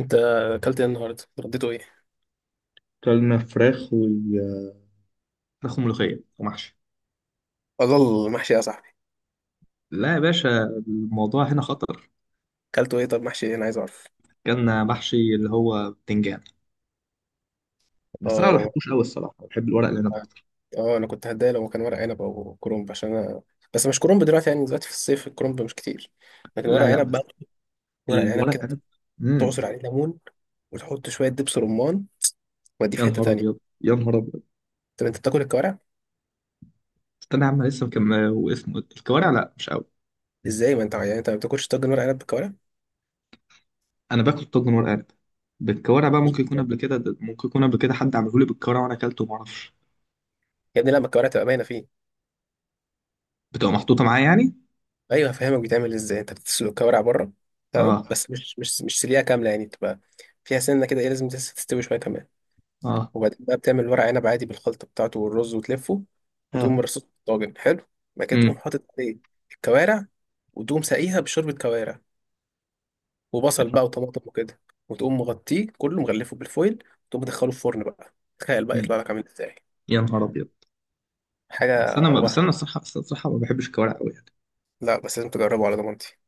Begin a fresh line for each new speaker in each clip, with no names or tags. انت اكلت ايه النهارده رديته ايه؟
كلمة فراخ فراخ وملوخية ومحشي.
اضل محشي يا صاحبي.
لا يا باشا، الموضوع هنا خطر.
اكلته ايه؟ طب محشي ايه؟ انا عايز اعرف.
كان محشي اللي هو بتنجان، بس أنا ما
اه
بحبوش أوي الصراحة، بحب الورق العنب أكتر.
اه انا كنت هتضايق لو كان ورق عنب او كرنب عشان انا، بس مش كرنب دلوقتي، يعني دلوقتي في الصيف الكرنب مش كتير، لكن ورق
لا لا
عنب
بس
بقى. ورق عنب
الورق
كده،
العنب. مم.
تعصر عليه ليمون وتحط شويه دبس رمان واديه
يا
في حته
نهار أبيض
تانية.
يا نهار أبيض.
طب انت بتاكل الكوارع؟
استنى يا عم لسه واسمه إيه؟ الكوارع لا مش أوي.
ازاي ما انت، يعني انت ما بتاكلش طاجن ورق عنب بالكوارع؟
أنا باكل طاجن ورق عنب بالكوارع بقى، ممكن يكون قبل كده، حد عمله لي بالكوارع وأنا أكلته وما أعرفش.
يا ابني لا، ما الكوارع تبقى باينه فيه.
بتبقى محطوطة معايا يعني؟
ايوه، هفهمك بيتعمل ازاي. انت بتسلق الكوارع بره، تمام،
آه.
بس مش سليقه كامله، يعني بتبقى فيها سنه كده، ايه لازم تستوي شويه كمان.
آه.
وبعدين بقى بتعمل ورق عنب عادي بالخلطه بتاعته والرز وتلفه، وتقوم
آه.
مرصوص في الطاجن حلو. بعد كده تقوم
مم.
حاطط عليه الكوارع، وتقوم ساقيها بشوربه كوارع وبصل بقى وطماطم وكده، وتقوم مغطيه كله مغلفه بالفويل وتقوم مدخله الفرن بقى. تخيل بقى
مم.
يطلع لك عامل ازاي،
يا نهار أبيض. بس
حاجه
انا بس
وهم.
انا الصراحه، بس الصراحه ما بحبش الكوارع قوي يعني.
لا بس لازم تجربه على ضمانتي.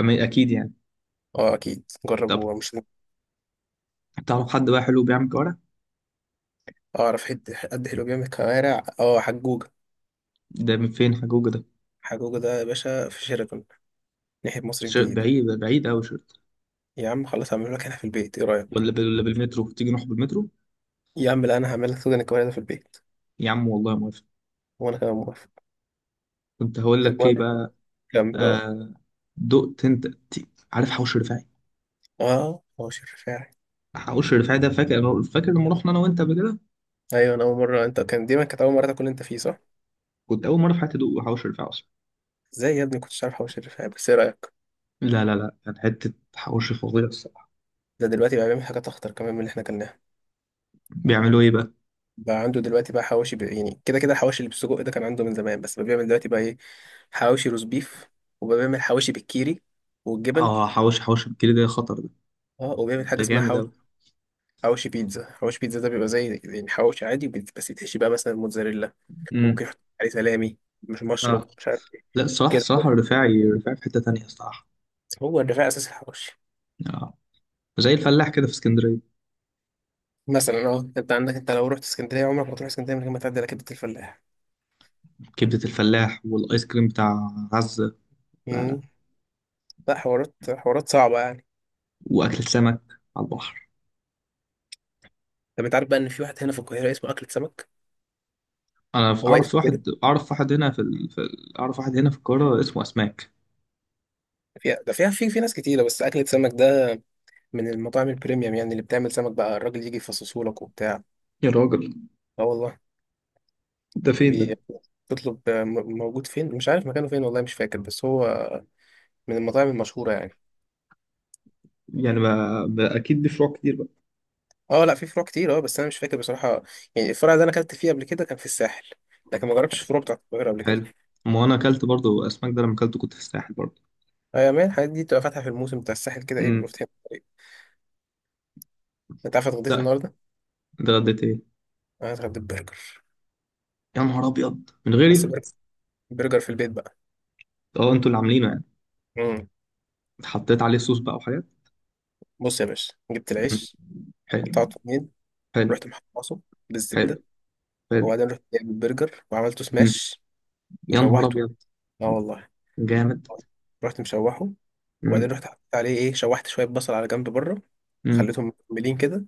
أما اكيد يعني.
اه اكيد
طب
جربه. مش
تعرف حد بقى حلو بيعمل كوارع؟
اعرف حد قد حلو جامد كوارع؟ اه حجوجة.
ده من فين حجوجة ده؟
حجوجة ده يا باشا في شيراتون، ناحية مصر الجديدة.
بعيد، بعيد قوي شرط.
يا عم خلاص هعمله لك هنا في البيت، ايه رأيك؟
ولا بالمترو، تيجي نروح بالمترو.
يا عم لا، انا هعمل لك سودان الكوارع ده في البيت.
يا عم والله موافق.
وانا كمان موافق.
كنت هقول لك ايه
المهم
بقى.
كمل. اه.
آه. دقت انت ت- عارف حوش رفاعي؟
اه، حوش الرفاعي.
حوش رفاعي ده، فاكر لما رحنا انا وانت قبل كده.
ايوه انا اول مرة، انت كان دي ما كانت اول مرة تاكل انت فيه صح؟
كنت اول مره في حياتي ادوق حوش رفاعي اصلا.
ازاي يا ابني كنتش عارف حوش الرفاعي؟ بس ايه رأيك؟
لا، كان حته حوش فظيع الصراحه.
ده دلوقتي بقى بيعمل حاجات اخطر كمان من اللي احنا كلناها.
بيعملوا ايه بقى؟
بقى عنده دلوقتي بقى حواوشي، يعني كده كده الحواوشي اللي بالسجق ده كان عنده من زمان، بس بقى بيعمل دلوقتي بقى ايه: حواوشي روز بيف، وبقى بيعمل حواوشي بالكيري والجبن.
اه، حوش الكيلو ده خطر ده،
اه وبيعمل حاجه
ده
اسمها
جامد
حوش،
قوي.
حوش بيتزا. حوش بيتزا ده بيبقى زي يعني حوش عادي بس يتحشي بقى مثلا موتزاريلا،
امم.
وممكن يحط عليه سلامي مش
اه
مشروم مش عارف ايه.
لا الصراحة،
كده.
الرفاعي في حتة تانية الصراحة.
هو الرفاع اساس الحوش.
آه. زي الفلاح كده في اسكندرية.
مثلا اه انت عندك، انت لو رحت اسكندريه عمرك ما تروح اسكندريه من غير ما تعدي على كبده الفلاح.
كبدة الفلاح، والآيس كريم بتاع عزة. لا لا.
امم. لا حوارات، حوارات صعبه يعني.
وأكل السمك على البحر.
طب انت عارف بقى ان في واحد هنا في القاهره اسمه اكله سمك؟
أنا
هو اسم
أعرف
كده
واحد، أعرف واحد هنا في, ال... في ال... أعرف واحد هنا في القاهرة اسمه أسماك.
فيها، ده فيها في ناس كتيره، بس اكله سمك ده من المطاعم البريميوم يعني، اللي بتعمل سمك بقى الراجل يجي يفصصه لك وبتاع.
يا راجل،
اه والله.
ده فين ده؟
بي- بتطلب، موجود فين مش عارف مكانه فين والله مش فاكر، بس هو من المطاعم المشهورة يعني.
يعني ما أكيد دي فروع كتير بقى.
اه لا في فروع كتير، اه بس انا مش فاكر بصراحة. يعني الفرع اللي انا اكلت فيه قبل كده كان في الساحل، لكن ما جربتش الفروع بتاعت القاهرة قبل كده.
حلو. ما أنا أكلت برضو أسماك ده، لما أكلته كنت في الساحل برضو.
ايوه يا مان، الحاجات دي بتبقى فاتحة في الموسم بتاع الساحل كده، ايه بيبقى
امم.
فاتحين في الطريق. انت عارف اتغديت
لا.
النهاردة؟
ده غديت إيه؟
انا اتغديت برجر.
يا نهار أبيض من
بس
غيري؟
برجر، برجر في البيت بقى.
أه، أنتوا اللي عاملينه يعني.
امم.
حطيت عليه صوص بقى وحاجات.
بص يا باشا، جبت
مم.
العيش،
حلو.
قطعته اتنين،
حلو.
رحت محمصه
حلو.
بالزبدة.
حلو.
وبعدين رحت جايب البرجر وعملته
مم.
سماش
يا نهار
وشوحته.
ابيض.
اه والله،
جامد.
رحت مشوحه.
مم.
وبعدين رحت حطيت عليه ايه، شوحت شويه بصل على جنب بره،
مم.
وخليتهم مكملين كده.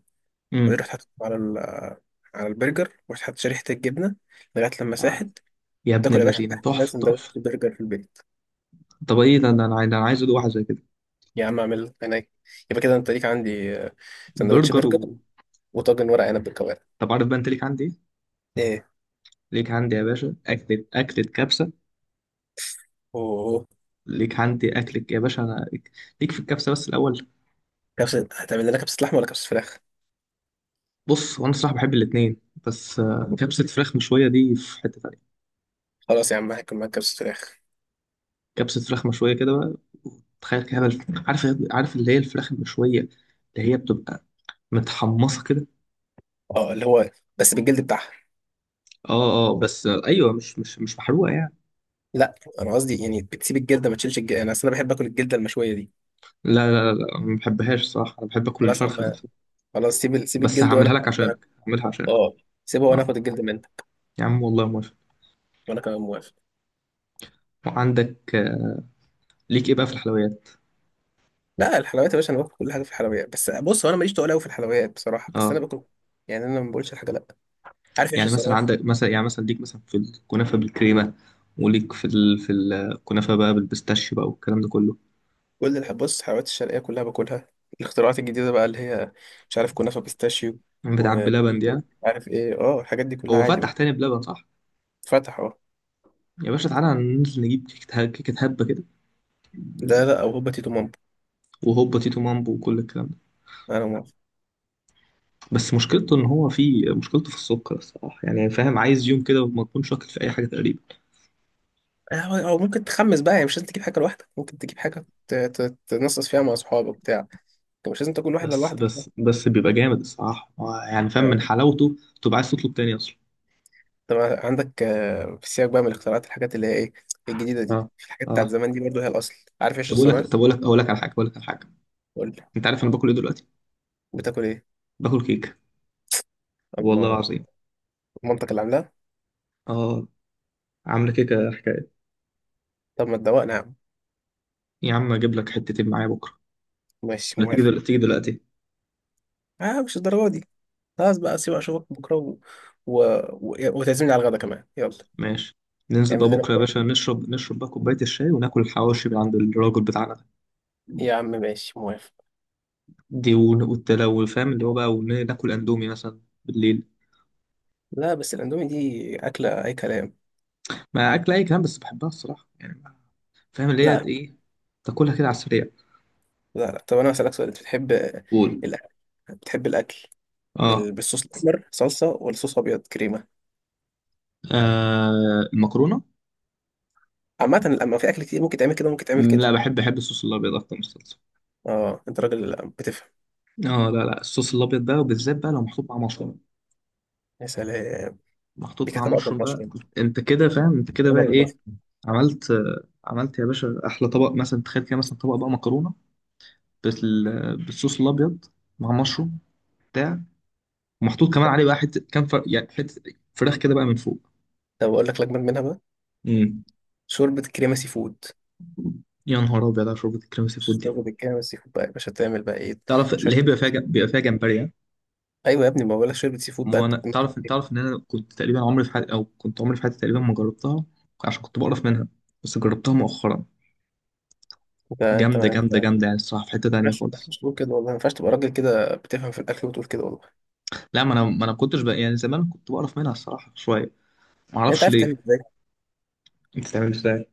وبعدين
مم.
رحت حطيتهم على على البرجر، ورحت حطيت شريحه الجبنه لغايه لما ساحت.
آه. يا ابن
تاكل يا باشا
الذين،
احلى
تحفه تحفه.
سندوتش برجر في البيت.
طب ايه ده، انا عايز ادوق واحد زي كده.
يا عم اعمل هناك. يبقى كده انت ليك عندي سندوتش
برجر
برجر
و...
وطاجن ورق عنب بالكوارع.
طب عارف بقى انت ليك عندي ايه؟
ايه؟
ليك عندي يا باشا اكلة، كبسة.
اوه،
ليك عندي اكلة يا باشا انا، ليك في الكبسة بس الاول.
كبسه. هتعمل لنا كبسه لحمه ولا كبسه فراخ؟
بص، وانا الصراحة بحب الاتنين، بس آه، كبسة فراخ مشوية دي في حتة تانية.
خلاص يا عم هاكل معاك كبسه فراخ.
كبسة فراخ مشوية كده بقى، تخيل كده بقى عارف، عارف اللي هي الفراخ المشوية، اللي هي بتبقى متحمصة كده.
اه اللي هو، بس بالجلد بتاعها.
اه اه، بس ايوه مش محروقه يعني.
لا انا قصدي يعني بتسيب الجلده ما تشيلش الجلده، انا اصل انا بحب اكل الجلده المشويه دي.
لا، ما بحبهاش صح، انا بحب اكل
خلاص يا
الفرخه
عم،
نفسها.
خلاص سيب سيب
بس
الجلد وانا
هعملها لك عشانك، هعملها عشانك.
اه سيبه وانا
اه.
اخد الجلد منك.
يا عم والله موافق.
وانا كمان موافق.
وعندك آه، ليك ايه بقى في الحلويات؟
لا الحلويات يا باشا، انا باكل كل حاجه في الحلويات، بس بص هو انا ماليش تقول قوي في الحلويات بصراحه، بس انا
اه.
باكل. يعني انا ما بقولش الحاجه لا. عارف ايش
يعني مثلا
الصراحه؟
عندك، مثلا ليك مثلا في الكنافه بالكريمه، وليك في ال... في الكنافه بقى بالبيستاشيو بقى والكلام ده كله،
كل الح... بص، الحلويات الشرقيه كلها باكلها. الاختراعات الجديده بقى اللي هي، مش عارف، كنافه بيستاشيو،
بتاع
و
بلبن
مش
دي يعني.
عارف ايه، اه الحاجات دي كلها
هو
عادي
فتح
باكل.
تاني بلبن صح؟
فتح اه.
يا باشا تعالى ننزل نجيب كيكة، هبة كده،
ده لا او هوبا تيتو مامبو.
وهوبا تيتو مامبو وكل الكلام ده.
انا موافق.
بس مشكلته ان هو في، في السكر الصراحه يعني، فاهم، عايز يوم كده وما تكون شاكل في اي حاجه تقريبا.
او ممكن تخمس بقى، يعني مش لازم تجيب حاجه لوحدك، ممكن تجيب حاجه تنصص فيها مع اصحابك بتاع انت مش لازم تاكل واحد
بس
لوحدك.
بس بس بيبقى جامد الصراحه آه، يعني فاهم، من
آه.
حلاوته تبقى عايز تطلب تاني اصلا.
طب عندك آه، في السياق بقى، من الاختراعات الحاجات اللي هي ايه الجديدة دي،
اه.
الحاجات بتاعت
اه.
زمان دي برضه هي الأصل. عارف ايش
طب اقول لك
الصراحة؟
طب اقول لك اقول لك على حاجه.
قول لي.
انت عارف انا باكل ايه دلوقتي؟
بتاكل ايه؟
باكل كيكه، والله
الله.
العظيم.
مامتك اللي عاملاها؟
اه، عامله كيكه حكايه.
طب ما تدوقنا يا عم.
يا عم اجيب لك حتتين معايا بكره،
ماشي
ولا
مهم.
تيجي دلوقتي،
اه مش الدرجة دي. خلاص بقى سيبك، اشوفك بكرة و... و... و... وتعزمني على الغدا كمان، يلا.
ماشي. ننزل بقى
اعمل لنا
بكره يا
بكرة
باشا، نشرب، نشرب بقى كوبايه الشاي، وناكل الحواوشي من عند الراجل بتاعنا ده.
يا عم، ماشي موافق.
دي والتلو فاهم اللي هو بقى، ناكل اندومي مثلا بالليل.
لا بس الاندومي دي أكلة أي كلام.
ما اكل اي كلام بس بحبها الصراحه يعني فاهم اللي هي
لا
ايه، تاكلها كده على السريع.
لا طب أنا هسألك سؤال. أنت بتحب
قول.
الأكل؟ بتحب الأكل
اه.
بال... بالصوص الأحمر صلصة ولا صوص أبيض كريمة؟
آه، المكرونه.
عامة لما في أكل كتير ممكن تعمل كده ممكن تعمل
مم،
كده.
لا بحب، الصوص الابيض اكتر من الصلصه.
اه أنت راجل بتفهم.
اه، لا الصوص الابيض بقى، وبالذات بقى لو محطوط مع مشروم،
يا سلام.
محطوط
بيك
مع
هتبقى
مشروم بقى
بالمشروم.
انت كده فاهم، انت كده بقى
مكرونة
ايه.
بالمشروم.
عملت آه، عملت يا باشا احلى طبق، مثلا تخيل كده، مثلا طبق بقى مكرونه بالصوص الابيض، مع مشروم بتاع، ومحطوط كمان عليه بقى حته كام يعني حته فراخ كده بقى من فوق.
طب أقول لك لجنة منها بقى:
امم.
شوربة كريمة سي فود.
يا نهار ابيض على شوربه الكريم سي فود دي.
شوربة الكريمة سي فود بقى يا باشا تعمل بقى إيه؟
تعرف
شوية.
اللي هي بيبقى فيها بيبقى فيها جمبري ها؟
أيوة يا ابني، ما بقول لك شوربة سي فود بقى
ما انا
تعمل
تعرف،
كده.
تعرف ان انا كنت تقريبا عمري في حياتي او كنت عمري في حياتي تقريبا ما جربتها، عشان كنت بقرف منها، بس جربتها مؤخرا.
أنت أنت ما أنت ما
جامده يعني الصراحه، في حته تانيه
ينفعش، ما
خالص.
ينفعش تقول كده والله، ما ينفعش تبقى راجل كده بتفهم في الأكل وتقول كده والله.
لا، ما انا ما انا كنتش بقى يعني، زمان كنت بقرف منها الصراحه شويه، ما
يعني أنت
اعرفش
عارف
ليه.
تعمل إزاي؟
بتتعمل ازاي؟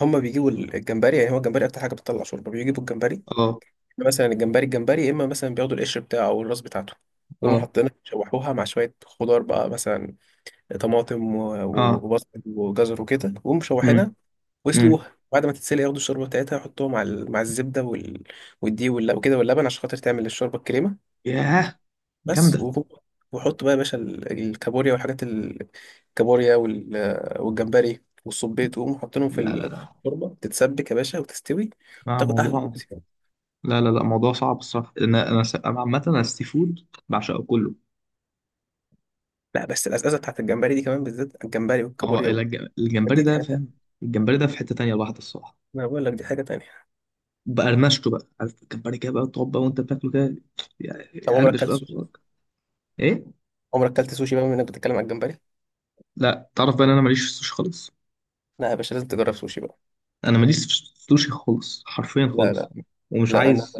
هما بيجيبوا الجمبري، يعني هو الجمبري أكتر حاجة بتطلع شوربة، بيجيبوا الجمبري
اه.
مثلا. الجمبري يا اما مثلا بياخدوا القشر بتاعه او الراس بتاعته، ويقوموا
اه.
حاطينها يشوحوها مع شويه خضار بقى، مثلا طماطم
اه.
وبصل وجزر وكده، ويقوموا
امم.
مشوحينها.
امم.
ويسلوها بعد ما تتسلق ياخدوا الشوربه بتاعتها يحطوها مع مع الزبده وال... والدقيق وكده واللبن عشان خاطر تعمل الشوربه الكريمه.
ياه،
بس
جامده.
وهو- وحط بقى يا باشا الكابوريا والحاجات الكابوريا وال... والجمبري والصبيط ويقوموا حاطينهم في
لا
الشوربه تتسبك يا باشا وتستوي
آه،
وتاخد احلى.
موضوع، لا موضوع صعب الصراحه، أنا عامه انا السي فود بعشقه كله.
لا بس الأزازة بتاعت الجمبري دي كمان، بالذات الجمبري
اه،
والكابوريا
إلا
و-
الجمبري
دي
ده،
حاجة
فاهم،
تانية.
الجمبري ده في حته تانية لوحده الصراحه،
ما أنا بقول لك دي حاجة تانية.
بقرمشته بقى، عارف الجمبري كده بقى، تقعد بقى وانت بتاكله كده،
طب عمرك
يعربش
أكلت
بقى في
سوشي؟
بقك. ايه؟
عمرك أكلت سوشي بقى بما إنك بتتكلم عن الجمبري؟
لا تعرف بقى ان انا ماليش في السوشي خالص،
لا يا باشا، لازم تجرب سوشي بقى.
انا ماليش في السوشي خالص، حرفيا
لا
خالص،
لا
ومش
لا أنا
عايز،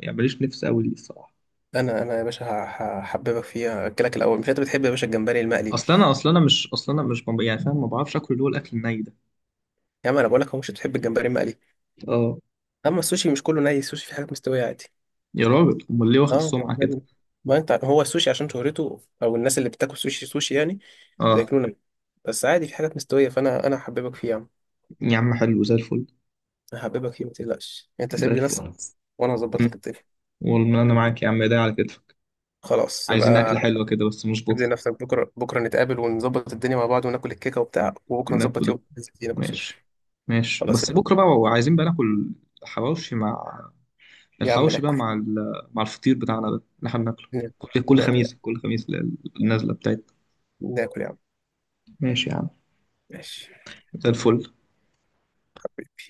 يعني ماليش نفس قوي ليه الصراحه.
أنا أنا يا باشا هحببك فيها. أكلك الأول، مش أنت بتحب يا باشا الجمبري المقلي؟
اصل انا مش يعني فاهم، ما بعرفش اكل اللي هو الاكل الني ده.
يا عم أنا بقول لك، هو مش بتحب الجمبري المقلي.
اه.
أما السوشي مش كله ني، السوشي في حاجات مستوية عادي.
يا راجل امال ليه واخد
أه
السمعه كده؟
جمبري. ما أنت هو السوشي عشان شهرته، أو الناس اللي بتاكل سوشي سوشي يعني
اه.
بياكلونا، بس عادي في حاجات مستوية، فأنا هحببك فيها.
يا عم حلو زي الفل.
هحببك فيه ما تقلقش، انت
زي
سايب لي
الفل،
نفسك
خلاص.
وانا هظبط لك
مم.
الدنيا.
والله انا معاك يا عم، ايدي على كتفك.
خلاص
عايزين اكله
يبقى.
حلوه كده بس
ابني
مظبوطه.
نفسك بكره، بكره نتقابل ونظبط الدنيا مع بعض وناكل الكيكه وبتاع، وبكره نظبط
ناكل.
يوم ننزل فيه ناكل
ماشي.
سوشي.
ماشي،
خلاص
بس بكره بقى عايزين بقى ناكل حواوشي،
يا عم
الحواوشي بقى
ناكل.
مع مع الفطير بتاعنا ده اللي احنا بناكله
ناكل،
كل كل
ناكل يا
خميس، كل خميس النازله بتاعتنا.
عم، ناكل يا عم.
ماشي يا عم.
ماشي
زي الفل.
حبيبي.